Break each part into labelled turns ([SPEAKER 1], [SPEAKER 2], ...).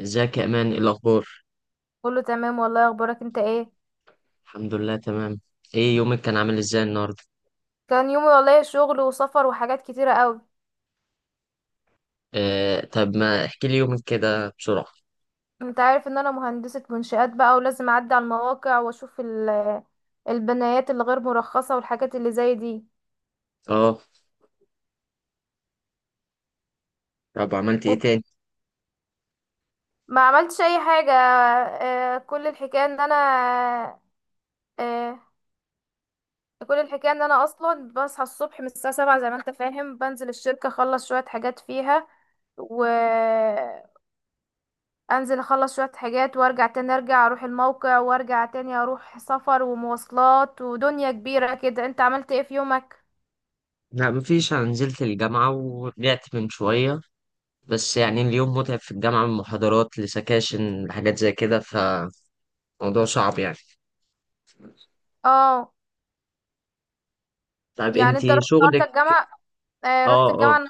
[SPEAKER 1] ازيك يا امان، ايه الاخبار؟
[SPEAKER 2] كله تمام والله. اخبارك انت ايه؟
[SPEAKER 1] الحمد لله، تمام. ايه يومك كان عامل ازاي النهارده؟
[SPEAKER 2] كان يومي والله شغل وسفر وحاجات كتيرة قوي.
[SPEAKER 1] آه، طب ما احكي لي يومك كده بسرعه.
[SPEAKER 2] انت عارف ان انا مهندسة منشآت بقى، ولازم اعدي على المواقع واشوف البنايات اللي غير مرخصة والحاجات اللي زي دي.
[SPEAKER 1] اه، طب عملت ايه
[SPEAKER 2] و-
[SPEAKER 1] تاني؟
[SPEAKER 2] ما عملتش اي حاجة. آه، آه، كل الحكاية ان انا اصلا بصحى الصبح من الساعة 7، زي ما انت فاهم. بنزل الشركة اخلص شوية حاجات فيها، و... انزل اخلص شوية حاجات وارجع تاني، ارجع اروح الموقع وارجع تاني، اروح سفر ومواصلات ودنيا كبيرة كده. انت عملت ايه في يومك؟
[SPEAKER 1] لا، مفيش. انا نزلت الجامعه ورجعت من شويه، بس يعني اليوم متعب في الجامعه، من محاضرات لسكاشن لحاجات زي كده، فموضوع صعب يعني.
[SPEAKER 2] اه.
[SPEAKER 1] طب
[SPEAKER 2] يعني انت
[SPEAKER 1] انتي
[SPEAKER 2] رحت النهارده
[SPEAKER 1] شغلك؟
[SPEAKER 2] الجامعة؟ آه،
[SPEAKER 1] اه،
[SPEAKER 2] رحت الجامعة
[SPEAKER 1] اه،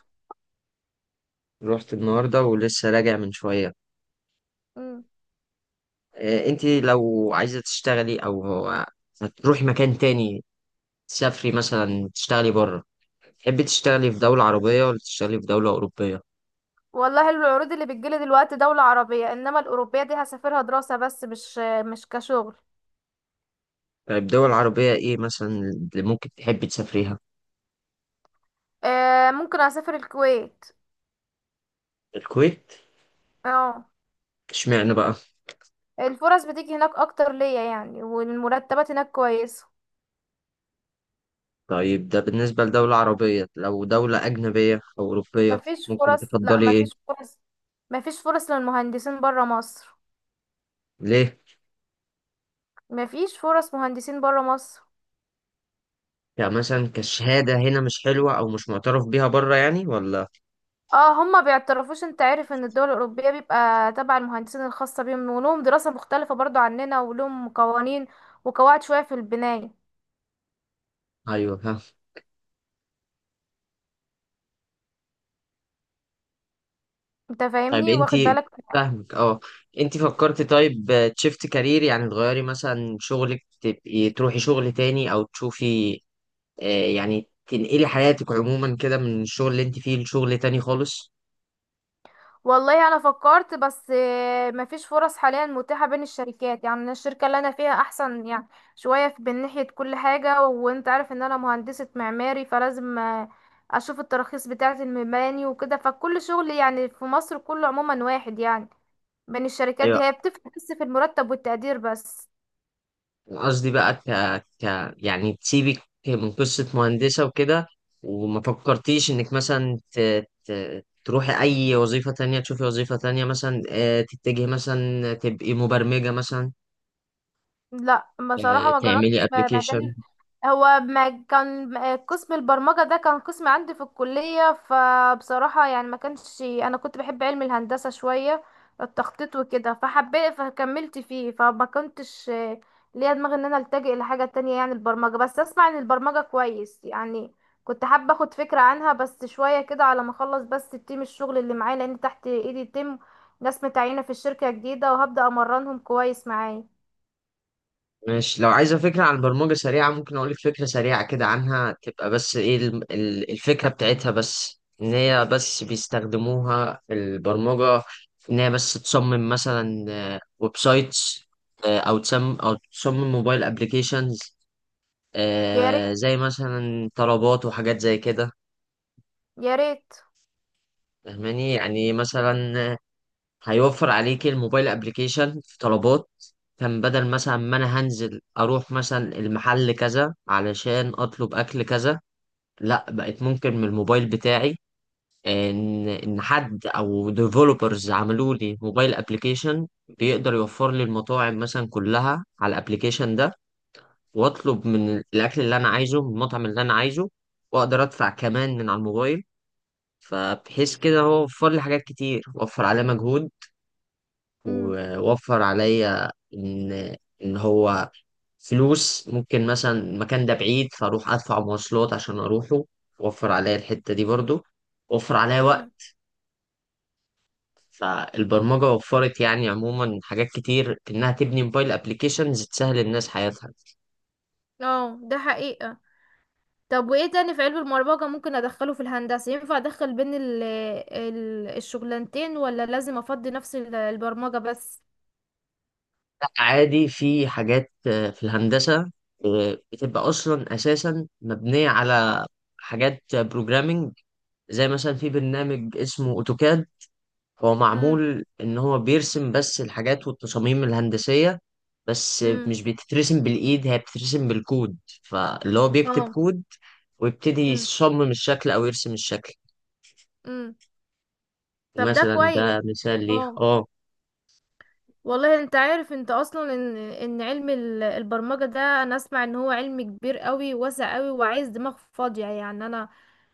[SPEAKER 1] رحت النهارده ولسه راجع من شويه.
[SPEAKER 2] مم.
[SPEAKER 1] آه، انتي لو عايزه تشتغلي، او هتروحي مكان تاني، تسافري مثلا تشتغلي بره، تحبي تشتغلي في دولة عربية ولا تشتغلي في دولة أوروبية؟
[SPEAKER 2] والله العروض اللي بتجيلي دلوقتي دولة عربية، انما الأوروبية دي هسافرها دراسة، بس مش كشغل.
[SPEAKER 1] طيب دول عربية إيه مثلا اللي ممكن تحبي تسافريها؟
[SPEAKER 2] آه، ممكن اسافر الكويت.
[SPEAKER 1] الكويت؟
[SPEAKER 2] اه.
[SPEAKER 1] اشمعنى بقى؟
[SPEAKER 2] الفرص بتيجي هناك اكتر ليا يعني، والمرتبات هناك كويسة.
[SPEAKER 1] طيب ده بالنسبة لدولة عربية، لو دولة أجنبية أو أوروبية
[SPEAKER 2] مفيش
[SPEAKER 1] ممكن
[SPEAKER 2] فرص. لا،
[SPEAKER 1] تفضلي
[SPEAKER 2] مفيش
[SPEAKER 1] إيه؟
[SPEAKER 2] فرص. مفيش فرص للمهندسين برا مصر.
[SPEAKER 1] ليه؟
[SPEAKER 2] مفيش فرص مهندسين برا مصر.
[SPEAKER 1] يعني مثلا كشهادة هنا مش حلوة أو مش معترف بيها بره يعني ولا؟
[SPEAKER 2] اه، هما بيعترفوش. انت عارف ان الدول الاوروبيه بيبقى تبع المهندسين الخاصه بيهم، ولهم دراسه مختلفه برضو عننا، ولهم قوانين وقواعد شويه في البنايه.
[SPEAKER 1] أيوه، ها.
[SPEAKER 2] انت
[SPEAKER 1] طيب
[SPEAKER 2] فاهمني واخد
[SPEAKER 1] أنتي
[SPEAKER 2] بالك.
[SPEAKER 1] فاهمك، أه. أنتي فكرتي، طيب، تشفت كارير، يعني تغيري مثلا شغلك تبقي تروحي شغل تاني أو تشوفي، يعني تنقلي حياتك عموما كده من الشغل اللي انت فيه لشغل تاني خالص.
[SPEAKER 2] والله انا فكرت، بس مفيش فرص حاليا متاحه بين الشركات. يعني الشركه اللي انا فيها احسن يعني شويه من ناحيه كل حاجه. وانت عارف ان انا مهندسه معماري، فلازم اشوف التراخيص بتاعه المباني وكده. فكل شغل يعني في مصر كله عموما واحد يعني، بين الشركات
[SPEAKER 1] ايوه.
[SPEAKER 2] دي هي بتفرق بس في المرتب والتقدير بس.
[SPEAKER 1] أنا قصدي بقى يعني تسيبك من قصة مهندسة وكده، وما فكرتيش انك مثلا ت... تروحي اي وظيفة تانية، تشوفي وظيفة تانية، مثلا تتجهي مثلا تبقي مبرمجة مثلا،
[SPEAKER 2] لا، بصراحة ما
[SPEAKER 1] تعملي
[SPEAKER 2] جربتش
[SPEAKER 1] ابلكيشن.
[SPEAKER 2] مجال. هو ما كان قسم البرمجة ده كان قسم عندي في الكلية. فبصراحة يعني ما كانش، أنا كنت بحب علم الهندسة، شوية التخطيط وكده، فحبيت فكملت فيه. فما كنتش ليا دماغ ان انا التجئ لحاجة تانية يعني البرمجة. بس اسمع عن البرمجة كويس يعني، كنت حابة اخد فكرة عنها بس شوية كده على ما اخلص. بس التيم الشغل اللي معايا، لان تحت ايدي تيم ناس متعينة في الشركة جديدة وهبدأ امرنهم كويس معايا.
[SPEAKER 1] ماشي، لو عايزة فكرة عن برمجة سريعة ممكن أقولك فكرة سريعة كده عنها. تبقى بس إيه الفكرة بتاعتها، بس إن هي بس بيستخدموها في البرمجة، إن هي بس تصمم مثلا ويب سايتس، أو تصمم موبايل أبليكيشنز، زي مثلا طلبات وحاجات زي كده.
[SPEAKER 2] يا ريت.
[SPEAKER 1] فاهماني؟ يعني مثلا هيوفر عليك الموبايل ابليكيشن في طلبات. كان بدل مثلا ما انا هنزل اروح مثلا المحل كذا علشان اطلب اكل كذا، لا بقت ممكن من الموبايل بتاعي ان حد او ديفلوبرز عملوا لي موبايل ابليكيشن، بيقدر يوفر لي المطاعم مثلا كلها على الابليكيشن ده، واطلب من الاكل اللي انا عايزه من المطعم اللي انا عايزه، واقدر ادفع كمان من على الموبايل. فبحيث كده هو وفر لي حاجات كتير، وفر عليه مجهود،
[SPEAKER 2] امم.
[SPEAKER 1] ووفر عليا ان هو فلوس، ممكن مثلا المكان ده بعيد فاروح ادفع مواصلات عشان اروحه، وفر عليا الحتة دي برضو، وفر عليا
[SPEAKER 2] امم.
[SPEAKER 1] وقت. فالبرمجة وفرت يعني عموما حاجات كتير، انها تبني موبايل ابليكيشنز تسهل الناس حياتها.
[SPEAKER 2] اه، ده حقيقة. طب وايه تاني في علم المربجة ممكن ادخله في الهندسة؟ ينفع ادخل بين ال الشغلانتين ولا لازم افضي نفس البرمجة بس؟
[SPEAKER 1] لا عادي، في حاجات في الهندسة بتبقى اصلا اساسا مبنية على حاجات بروجرامينج، زي مثلا في برنامج اسمه اوتوكاد، هو
[SPEAKER 2] امم.
[SPEAKER 1] معمول ان هو بيرسم بس الحاجات والتصاميم الهندسية، بس
[SPEAKER 2] امم.
[SPEAKER 1] مش بتترسم بالايد، هي بتترسم بالكود، فاللي هو بيكتب
[SPEAKER 2] اه.
[SPEAKER 1] كود ويبتدي
[SPEAKER 2] امم.
[SPEAKER 1] يصمم الشكل او يرسم الشكل.
[SPEAKER 2] امم. طب ده
[SPEAKER 1] مثلا
[SPEAKER 2] كويس.
[SPEAKER 1] ده مثال ليه.
[SPEAKER 2] اه،
[SPEAKER 1] اه،
[SPEAKER 2] والله. انت عارف انت اصلا ان علم البرمجة ده، انا اسمع ان هو علم كبير قوي واسع قوي وعايز دماغ فاضية يعني انا.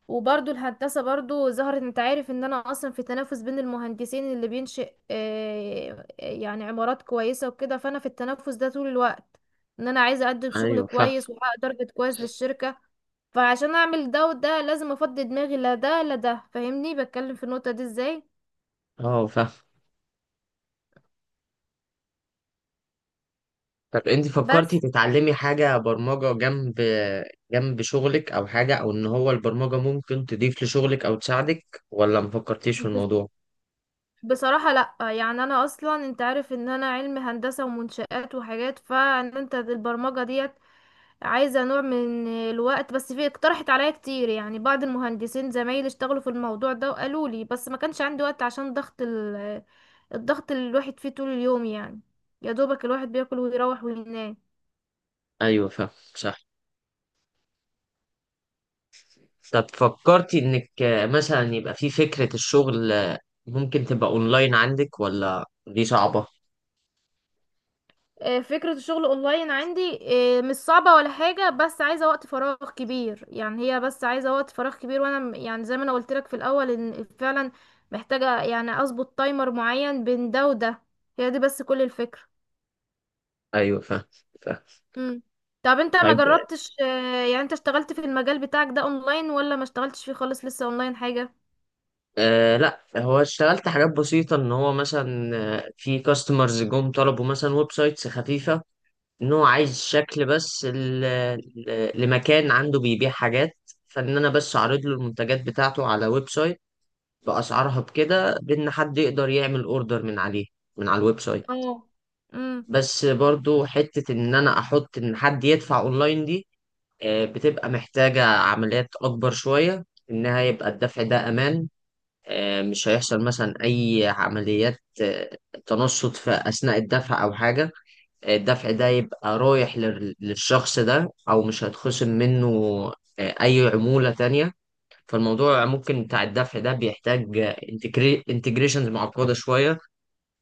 [SPEAKER 2] وبرضو الهندسة برضو ظهرت. انت عارف ان انا اصلا في تنافس بين المهندسين اللي بينشئ يعني عمارات كويسة وكده، فانا في التنافس ده طول الوقت، ان انا عايزة اقدم شغل
[SPEAKER 1] ايوه، فاهم.
[SPEAKER 2] كويس واحقق تارجت كويس للشركة. فعشان اعمل ده وده لازم افضي دماغي، لا ده لا ده. فاهمني بتكلم في النقطة دي ازاي؟
[SPEAKER 1] اه، فاهم. طب انت
[SPEAKER 2] بس
[SPEAKER 1] فكرتي تتعلمي حاجة برمجة جنب شغلك او حاجة، او ان هو البرمجة ممكن تضيف لشغلك او تساعدك، ولا مفكرتيش في
[SPEAKER 2] بس
[SPEAKER 1] الموضوع؟
[SPEAKER 2] بصراحة لا. يعني انا اصلا، انت عارف ان انا علم هندسة ومنشآت وحاجات، فان انت البرمجة دي عايزة نوع من الوقت بس. في اقترحت عليا كتير، يعني بعض المهندسين زمايلي اشتغلوا في الموضوع ده وقالوا لي، بس ما كانش عندي وقت عشان ضغط الضغط اللي الواحد فيه طول اليوم يعني. يا دوبك الواحد بياكل ويروح وينام.
[SPEAKER 1] ايوه، فاهم. صح. طب فكرتي انك مثلا يبقى في فكرة الشغل، ممكن تبقى اونلاين عندك ولا دي صعبة؟
[SPEAKER 2] آه، فكرة الشغل اونلاين عندي مش صعبة ولا حاجة، بس عايزة وقت فراغ كبير. يعني هي بس عايزة وقت فراغ كبير. وانا يعني زي ما انا قلت لك في الاول ان فعلا محتاجة يعني اظبط تايمر معين بين ده وده. هي دي بس كل الفكرة.
[SPEAKER 1] ايوه، فاهم، فاهم.
[SPEAKER 2] مم. طب انت ما
[SPEAKER 1] طيب،
[SPEAKER 2] جربتش يعني انت اشتغلت في المجال بتاعك ده اونلاين، ولا ما اشتغلتش فيه خالص لسه اونلاين حاجة؟
[SPEAKER 1] لا، هو اشتغلت حاجات بسيطة ان هو مثلا، في كاستمرز جم طلبوا مثلا ويب سايتس خفيفة، ان هو عايز شكل بس لمكان عنده بيبيع حاجات، فان انا بس اعرض له المنتجات بتاعته على ويب سايت باسعارها، بكده بان حد يقدر يعمل اوردر من عليه، من على الويب سايت.
[SPEAKER 2] اه. امم.
[SPEAKER 1] بس برضو حتة ان انا احط ان حد يدفع اونلاين دي، بتبقى محتاجة عمليات اكبر شوية، انها يبقى الدفع ده امان، مش هيحصل مثلا اي عمليات تنصت في اثناء الدفع او حاجة، الدفع ده يبقى رايح للشخص ده، او مش هيتخصم منه اي عمولة تانية. فالموضوع ممكن بتاع الدفع ده بيحتاج انتجريشنز معقدة شوية.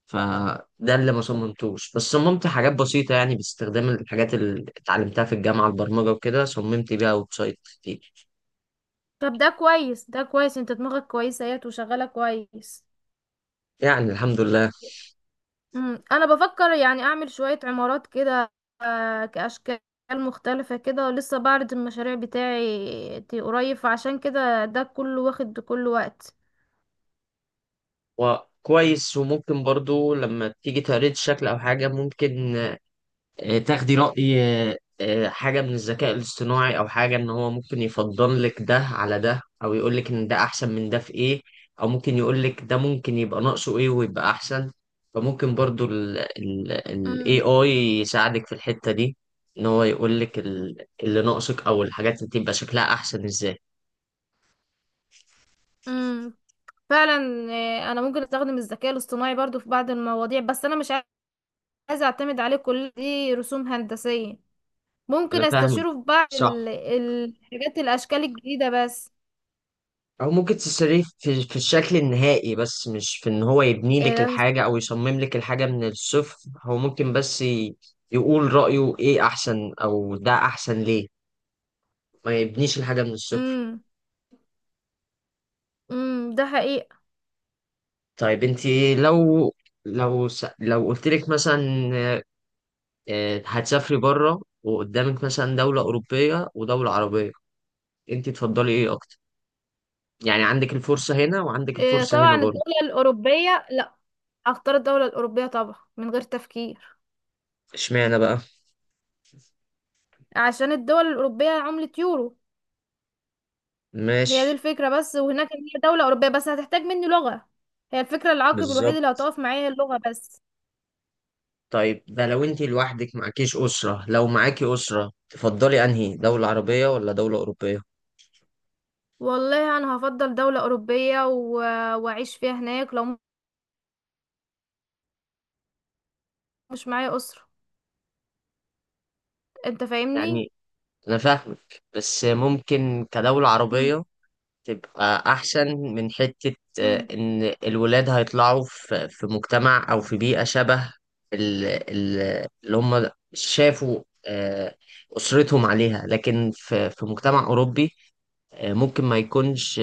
[SPEAKER 1] فده اللي ما صممتوش، بس صممت حاجات بسيطة، يعني باستخدام الحاجات اللي اتعلمتها في الجامعة، البرمجة وكده، صممت بيها ويب سايت كتير.
[SPEAKER 2] طب ده كويس ده كويس. انت دماغك كويسة اهيت وشغالة كويس.
[SPEAKER 1] يعني الحمد لله.
[SPEAKER 2] امم، انا بفكر يعني اعمل شوية عمارات كده، كاشكال مختلفة كده. ولسه بعرض المشاريع بتاعي قريب، فعشان كده ده كله واخد كل وقت.
[SPEAKER 1] وكويس، وممكن برضو لما تيجي تقريت الشكل أو حاجة، ممكن تاخدي رأي حاجة من الذكاء الاصطناعي أو حاجة، إن هو ممكن يفضل لك ده على ده، أو يقول لك إن ده أحسن من ده في إيه، أو ممكن يقول لك ده ممكن يبقى ناقصه إيه ويبقى أحسن. فممكن برضو ال
[SPEAKER 2] امم.
[SPEAKER 1] AI يساعدك في الحتة دي، إن هو يقول لك اللي ناقصك، أو الحاجات اللي تبقى شكلها أحسن إزاي.
[SPEAKER 2] امم. فعلا. آه، انا ممكن استخدم الذكاء الاصطناعي برضو في بعض المواضيع، بس انا مش عايزة اعتمد عليه، كل دي رسوم هندسية. ممكن
[SPEAKER 1] أنا فاهمك.
[SPEAKER 2] استشيره في بعض
[SPEAKER 1] صح.
[SPEAKER 2] الحاجات، الاشكال الجديدة بس.
[SPEAKER 1] او ممكن تشتريه في الشكل النهائي، بس مش في ان هو يبني لك الحاجه او يصمم لك الحاجه من الصفر. هو ممكن بس يقول رايه ايه احسن، او ده احسن ليه، ما يبنيش الحاجه من الصفر.
[SPEAKER 2] امم. امم. ده حقيقة.
[SPEAKER 1] طيب انت، لو لو قلت لك مثلا، هتسافري بره وقدامك مثلا دوله اوروبيه ودوله عربيه، انت تفضلي ايه اكتر؟ يعني عندك الفرصه هنا وعندك
[SPEAKER 2] إيه،
[SPEAKER 1] الفرصه
[SPEAKER 2] طبعا
[SPEAKER 1] هنا برضه.
[SPEAKER 2] الدولة الاوروبية. لا، اختار الدولة الاوروبية طبعا من غير تفكير.
[SPEAKER 1] اشمعنى بقى؟
[SPEAKER 2] عشان الدول الاوروبية عملة يورو. هي دي
[SPEAKER 1] ماشي.
[SPEAKER 2] الفكرة بس. وهناك إن هي دولة اوروبية، بس هتحتاج مني لغة. هي الفكرة، العائق الوحيد
[SPEAKER 1] بالظبط.
[SPEAKER 2] اللي هتقف معايا هي اللغة بس.
[SPEAKER 1] طيب ده لو انت لوحدك معكيش أسرة، لو معاكي أسرة تفضلي أنهي دولة عربية ولا دولة أوروبية؟
[SPEAKER 2] والله انا هفضل دولة اوروبية واعيش فيها هناك لو مش معايا اسرة. انت فاهمني.
[SPEAKER 1] يعني أنا فاهمك، بس ممكن كدولة
[SPEAKER 2] مم.
[SPEAKER 1] عربية تبقى أحسن، من حتة
[SPEAKER 2] مم.
[SPEAKER 1] إن الولاد هيطلعوا في مجتمع أو في بيئة شبه اللي هم شافوا أسرتهم عليها، لكن في مجتمع أوروبي ممكن ما يكونش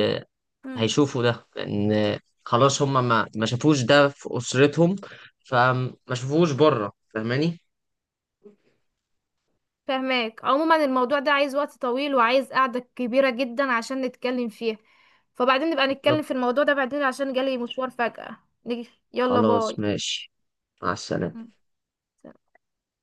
[SPEAKER 2] مم.
[SPEAKER 1] هيشوفوا ده، لان خلاص هم ما شافوش ده في اسرتهم، فما شافوش بره. فاهماني؟
[SPEAKER 2] فهماك. عموما الموضوع ده عايز وقت طويل وعايز قعدة كبيرة جدا عشان نتكلم فيها. فبعدين نبقى
[SPEAKER 1] بالظبط.
[SPEAKER 2] نتكلم في الموضوع ده بعدين عشان جالي مشوار فجأة. نيجي، يلا
[SPEAKER 1] خلاص،
[SPEAKER 2] باي.
[SPEAKER 1] ماشي. مع السلامة.
[SPEAKER 2] مم.